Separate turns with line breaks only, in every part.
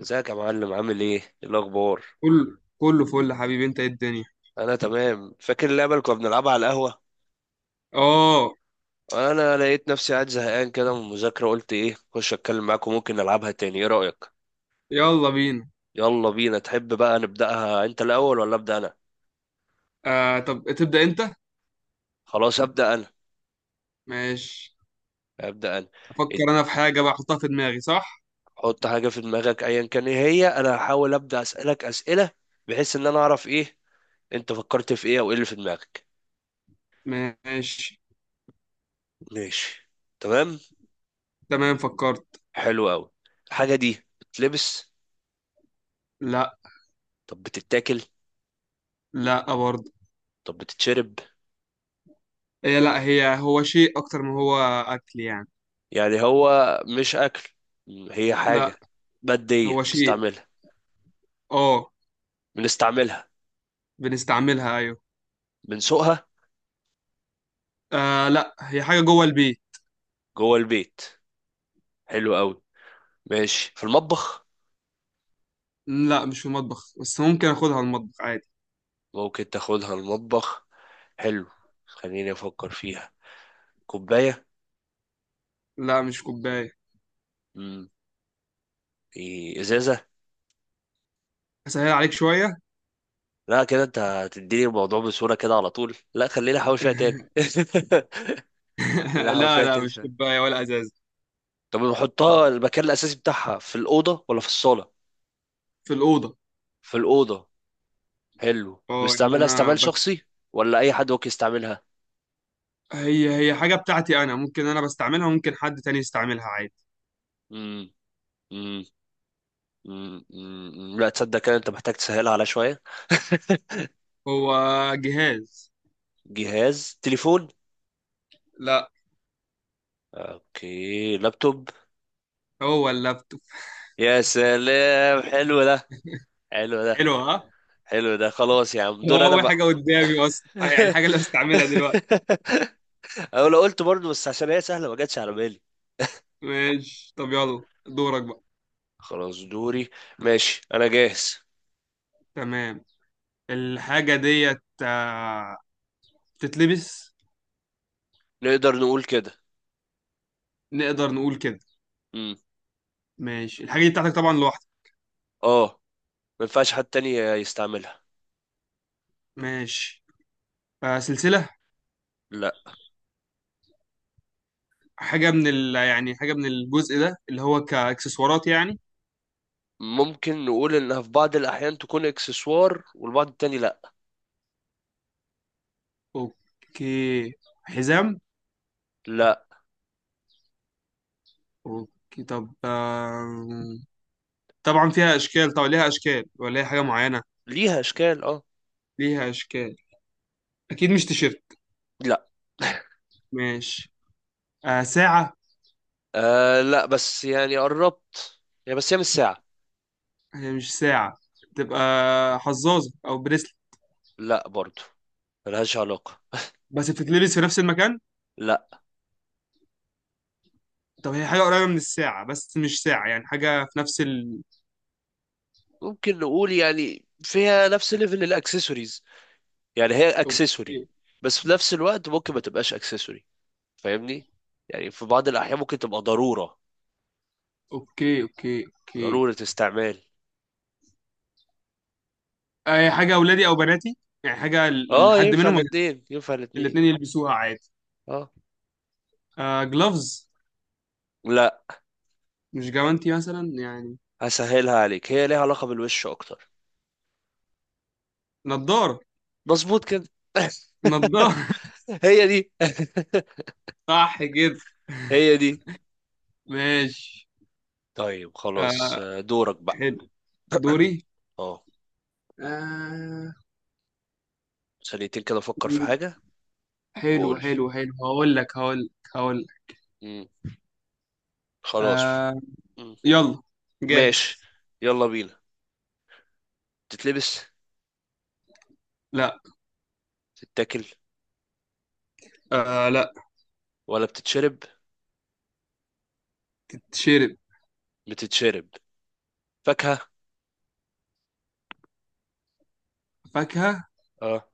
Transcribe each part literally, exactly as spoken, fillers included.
ازيك يا معلم، عامل ايه؟ ايه الاخبار؟
كله كله فل حبيبي، انت ايه الدنيا.
انا تمام. فاكر اللعبه اللي كنا بنلعبها على القهوه؟
اه.
انا لقيت نفسي قاعد زهقان كده من المذاكره، قلت ايه اخش اتكلم معاكم. ممكن نلعبها تاني؟ ايه رايك؟
يلا بينا.
يلا بينا. تحب بقى نبداها انت الاول ولا ابدا انا؟
آه، طب تبدأ انت.
خلاص ابدا انا.
ماشي.
ابدا انا
افكر
اد-
انا في حاجة بقى احطها في دماغي، صح؟
حط حاجه في دماغك ايا كان ايه هي. انا هحاول ابدا اسالك اسئله بحيث ان انا اعرف ايه انت فكرت في ايه، او ايه اللي في دماغك.
ماشي.
ماشي. تمام.
تمام، فكرت.
حلو قوي. الحاجه دي بتلبس؟
لا.
طب بتتاكل؟
لا برضه.
طب بتتشرب؟
هي لا هي هو شيء اكتر ما هو اكل يعني.
يعني هو مش أكل. هي حاجة
لا، هو
مادية
شيء.
نستعملها؟
اه،
بنستعملها؟
بنستعملها، ايوه.
بنسوقها؟
آه لا، هي حاجة جوه البيت.
جوه البيت؟ حلو قوي. ماشي في المطبخ؟
لا مش في المطبخ، بس ممكن اخدها المطبخ عادي.
ممكن تاخدها المطبخ. حلو. خليني أفكر فيها. كوباية؟
لا مش كوباية.
مم. إيه، إزازة؟
اسهل عليك شوية.
لا كده أنت هتديني الموضوع بصورة كده على طول. لا خليني أحاول فيها تاني. خليني أحاول
لا
فيها
لا،
تاني
مش
شوية.
كوباية ولا ازاز.
طب نحطها المكان الأساسي بتاعها في الأوضة ولا في الصالة؟
في الأوضة.
في الأوضة. حلو.
اه يعني
بيستعملها
انا
استعمال
بس.
شخصي ولا اي حد ممكن يستعملها؟
هي هي حاجه بتاعتي انا، ممكن انا بستعملها، ممكن حد تاني يستعملها عادي.
امم امم امم أمم. لا تصدق كده، انت محتاج تسهلها على شوية.
هو جهاز.
جهاز تليفون؟
لا،
اوكي لابتوب.
هو اللابتوب.
يا سلام حلو ده، حلو ده،
حلو ها.
حلو ده. خلاص يا عم،
هو
دور انا
اول
بقى.
حاجه قدامي اصلا، آه، يعني الحاجه اللي بستعملها دلوقتي.
او لو قلت برضه، بس عشان هي سهلة ما جاتش على بالي.
ماشي، طب يلا دورك بقى.
خلاص دوري. ماشي انا جاهز.
تمام. الحاجه ديت، آه، بتتلبس.
نقدر نقول كده.
نقدر نقول كده.
امم.
ماشي، الحاجه دي بتاعتك طبعا لوحدك.
اه، ما ينفعش حد تاني يستعملها.
ماشي. آه، سلسله.
لا.
حاجه من ال... يعني حاجه من الجزء ده اللي هو كاكسسوارات يعني.
ممكن نقول انها في بعض الاحيان تكون اكسسوار والبعض التاني لا.
اوكي. حزام.
لا،
اوكي طب آم، طبعا فيها اشكال، طبعا ليها اشكال، ولا هي حاجه معينه؟
ليها اشكال، اه.
ليها اشكال. اكيد مش تيشيرت.
لا.
ماشي. آه ساعه.
آه لا، بس يعني قربت. يعني بس هي مش ساعة.
هي مش ساعه. تبقى حظاظه او بريسلت.
لا برضو، ملهاش علاقة.
بس بتتلبس في نفس المكان.
لا.
طب هي حاجه قريبه من الساعه بس مش ساعه، يعني حاجه في نفس ال
ممكن نقول يعني فيها نفس ليفل الاكسسوارز. يعني هي اكسسوري،
اوكي
بس في نفس الوقت ممكن ما تبقاش اكسسوري. فاهمني؟ يعني في بعض الاحيان ممكن تبقى ضرورة.
اوكي اوكي اوكي.
ضرورة استعمال.
آه هي حاجه اولادي او بناتي، يعني حاجه ل-
اه،
لحد
ينفع
منهم.
الاتنين، ينفع الاتنين.
الاثنين يلبسوها عادي.
اه.
آه جلوفز.
لا.
مش جوانتي مثلا يعني.
هسهلها عليك، هي ليها علاقة بالوش اكتر.
نضاره.
مظبوط كده.
نضاره.
هي دي.
صح كده.
هي دي.
ماشي.
طيب خلاص.
آه
آه، دورك بقى.
حلو، دوري.
اه.
آه.
ثانيتين كده افكر في
حلو
حاجة
حلو
وقول.
حلو، هقول لك هقول لك هقول لك.
مم. خلاص.
آه.
مم.
يلا.
ماشي.
جاهز.
يلا بينا. بتتلبس؟
لا.
تتاكل؟
آه لا.
ولا بتتشرب؟
تشرب.
بتتشرب. فاكهة؟
فاكهة.
اه.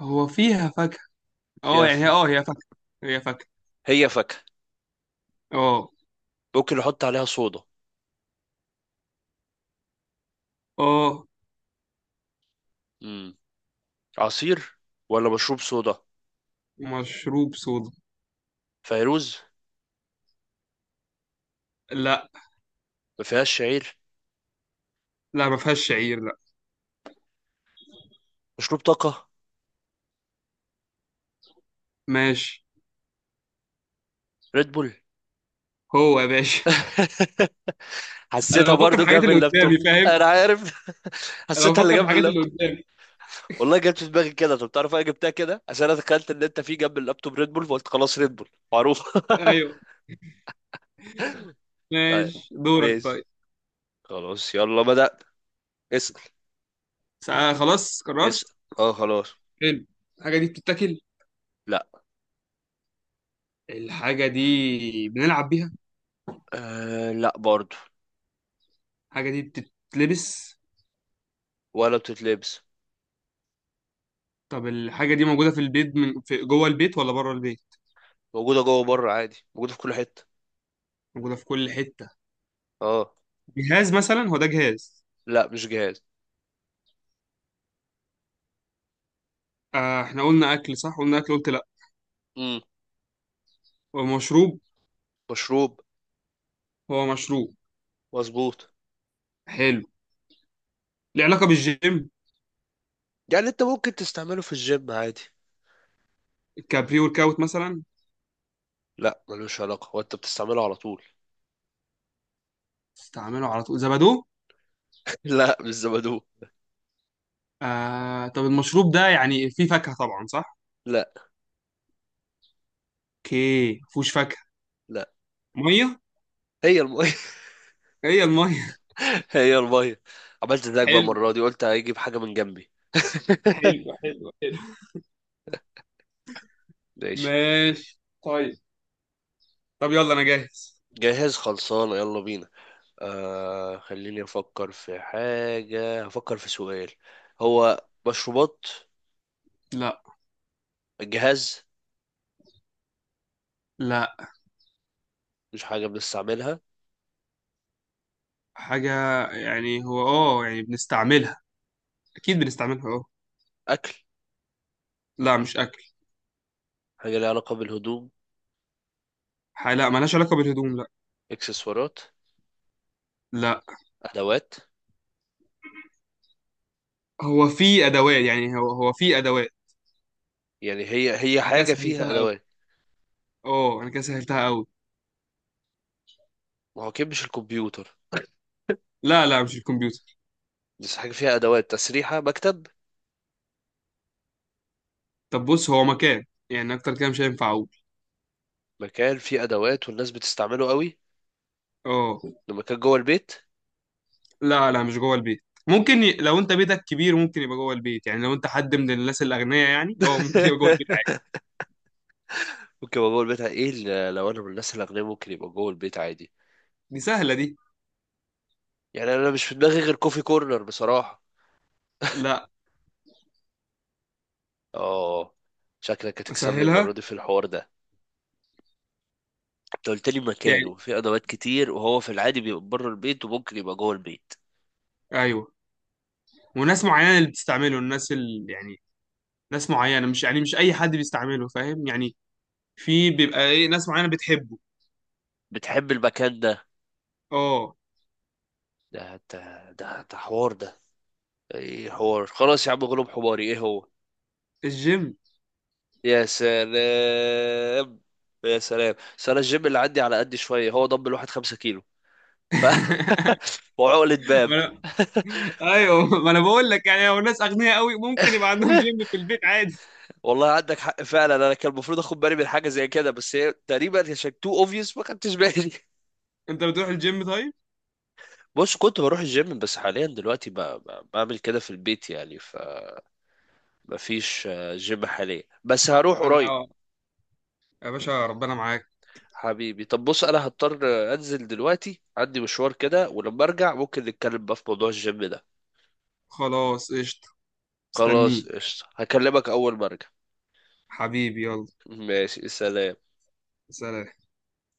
هو فيها فاكهة؟ اه
فيها
يعني
ف...
هي اه هي فاكهة. هي فاكهة.
هي فاكهة.
اه.
ممكن نحط عليها صودا؟
اه
مم. عصير ولا مشروب صودا؟
مشروب صودا.
فيروز؟
لا
ما فيهاش شعير؟
لا، ما فيهاش شعير، لا.
مشروب طاقة.
ماشي.
ريد بول.
هو يا باشا.
حسيتها
انا بفكر في
برضو
الحاجات
جاب
اللي قدامي،
اللابتوب.
فاهم.
انا عارف.
انا
حسيتها اللي
بفكر في
جنب
الحاجات اللي
اللابتوب.
قدامي.
والله جت في دماغي كده. طب تعرف انا جبتها كده عشان انا تخيلت ان انت في جنب اللابتوب ريد بول، فقلت خلاص ريد بول معروف.
ايوه.
طيب.
ماشي دورك
ماشي.
طيب.
خلاص يلا بدأت. اسأل.
ساعة- خلاص قررت.
اسأل. اه خلاص.
حلو. الحاجة دي بتتاكل؟
لا.
الحاجة دي بنلعب بيها؟
آه لا برضو.
الحاجة دي بتتلبس؟
ولا بتتلبس.
طب الحاجة دي موجودة في البيت، من في جوه البيت ولا بره البيت؟
موجودة جوه بره عادي، موجودة في كل حتة.
موجودة في كل حتة.
اه.
جهاز مثلا، هو ده جهاز؟
لا مش جهاز.
آه احنا قلنا أكل، صح؟ قلنا أكل قلت لأ.
امم.
هو مشروب؟
مشروب.
هو مشروب.
مظبوط.
حلو. ليه علاقة بالجيم؟
يعني انت ممكن تستعمله في الجيم عادي.
الكابري ورك أوت مثلا؟
لا ملوش علاقة، وانت بتستعمله على طول.
استعمله على طول، زبادو؟
لا مش زبادو.
آه طب المشروب ده يعني فيه فاكهة طبعا صح؟
لا.
اوكي مفهوش فاكهة.
لا.
مية.
هي المية.
هي المية.
هي المية. عملت زيك بقى
حلو
المرة دي، قلت هيجيب حاجة من جنبي.
حلو حلو حلو.
ماشي.
ماشي طيب. طب يلا انا جاهز.
جاهز خلصان، يلا بينا. آه خليني أفكر في حاجة، هفكر في سؤال. هو مشروبات؟
لا.
جهاز؟
لا.
مش حاجة بنستعملها؟
حاجة، يعني هو اه يعني بنستعملها. أكيد بنستعملها اه.
أكل؟
لا مش أكل.
حاجة ليها علاقة بالهدوم؟
ح- لا، ملهاش علاقة بالهدوم، لا.
إكسسوارات؟
لا،
أدوات؟
هو في أدوات، يعني هو هو في أدوات.
يعني هي هي
انا كده
حاجة فيها
سهلتها قوي.
أدوات.
اه، أنا كده سهلتها أوي.
ما هو أكيد مش الكمبيوتر.
لا لا مش الكمبيوتر.
بس حاجة فيها أدوات، تسريحة مكتب؟
طب بص، هو مكان. يعني أكتر كده مش هينفع أقول.
مكان فيه أدوات والناس بتستعمله قوي؟
اه.
ده مكان جوه البيت؟
لا لا مش جوه البيت. ممكن ي... لو أنت بيتك كبير ممكن يبقى جوه البيت، يعني لو أنت حد من الناس الأغنياء يعني اه ممكن يبقى جوه البيت عادي.
ممكن ابقى جوه البيت، ايه ال- لو انا من الناس الاغنياء ممكن يبقى جوه البيت عادي.
دي سهلة دي.
يعني انا مش في دماغي غير كوفي كورنر بصراحه.
لا.
اه. شكلك هتكسبني المره
أسهلها
دي في الحوار ده. انت قلت لي مكان
يعني.
وفي ادوات كتير، وهو في العادي بيبقى بره البيت وممكن يبقى جوه البيت.
أيوه. وناس معينة اللي بتستعمله، الناس اللي يعني ناس معينة، مش يعني مش أي حد بيستعمله، فاهم يعني. في بيبقى إيه ناس معينة بتحبه.
بتحب المكان ده.
اه.
ده انت. ده ده حوار ده. ايه حوار، خلاص يا عم غلوب حماري، ايه هو؟
الجيم.
يا سلام. يا سلام. بس انا الجيم اللي عندي على قد شويه، هو ضم الواحد خمسة كيلو ف وعقلة باب.
ما أنا... ايوه ما انا بقول لك يعني لو الناس اغنياء قوي ممكن يبقى عندهم جيم في البيت عادي.
والله عندك حق فعلا. انا كان المفروض اخد بالي من حاجه زي كده، بس هي تقريبا عشان تو اوبفيوس ما خدتش بالي.
انت بتروح الجيم طيب؟
بص، كنت بروح الجيم بس حاليا دلوقتي ب- ب- بعمل كده في البيت. يعني فما فيش آه، جيم حاليا، بس هروح قريب.
انا يا باشا ربنا معاك.
حبيبي طب بص، انا هضطر آه، انزل دلوقتي، عندي مشوار كده، ولما ارجع ممكن نتكلم بقى في موضوع الجيم ده.
خلاص قشطة.
خلاص
مستنيك.
قشطة، هكلمك اول ما ارجع.
حبيبي يلا.
ماشي سلام.
سلام.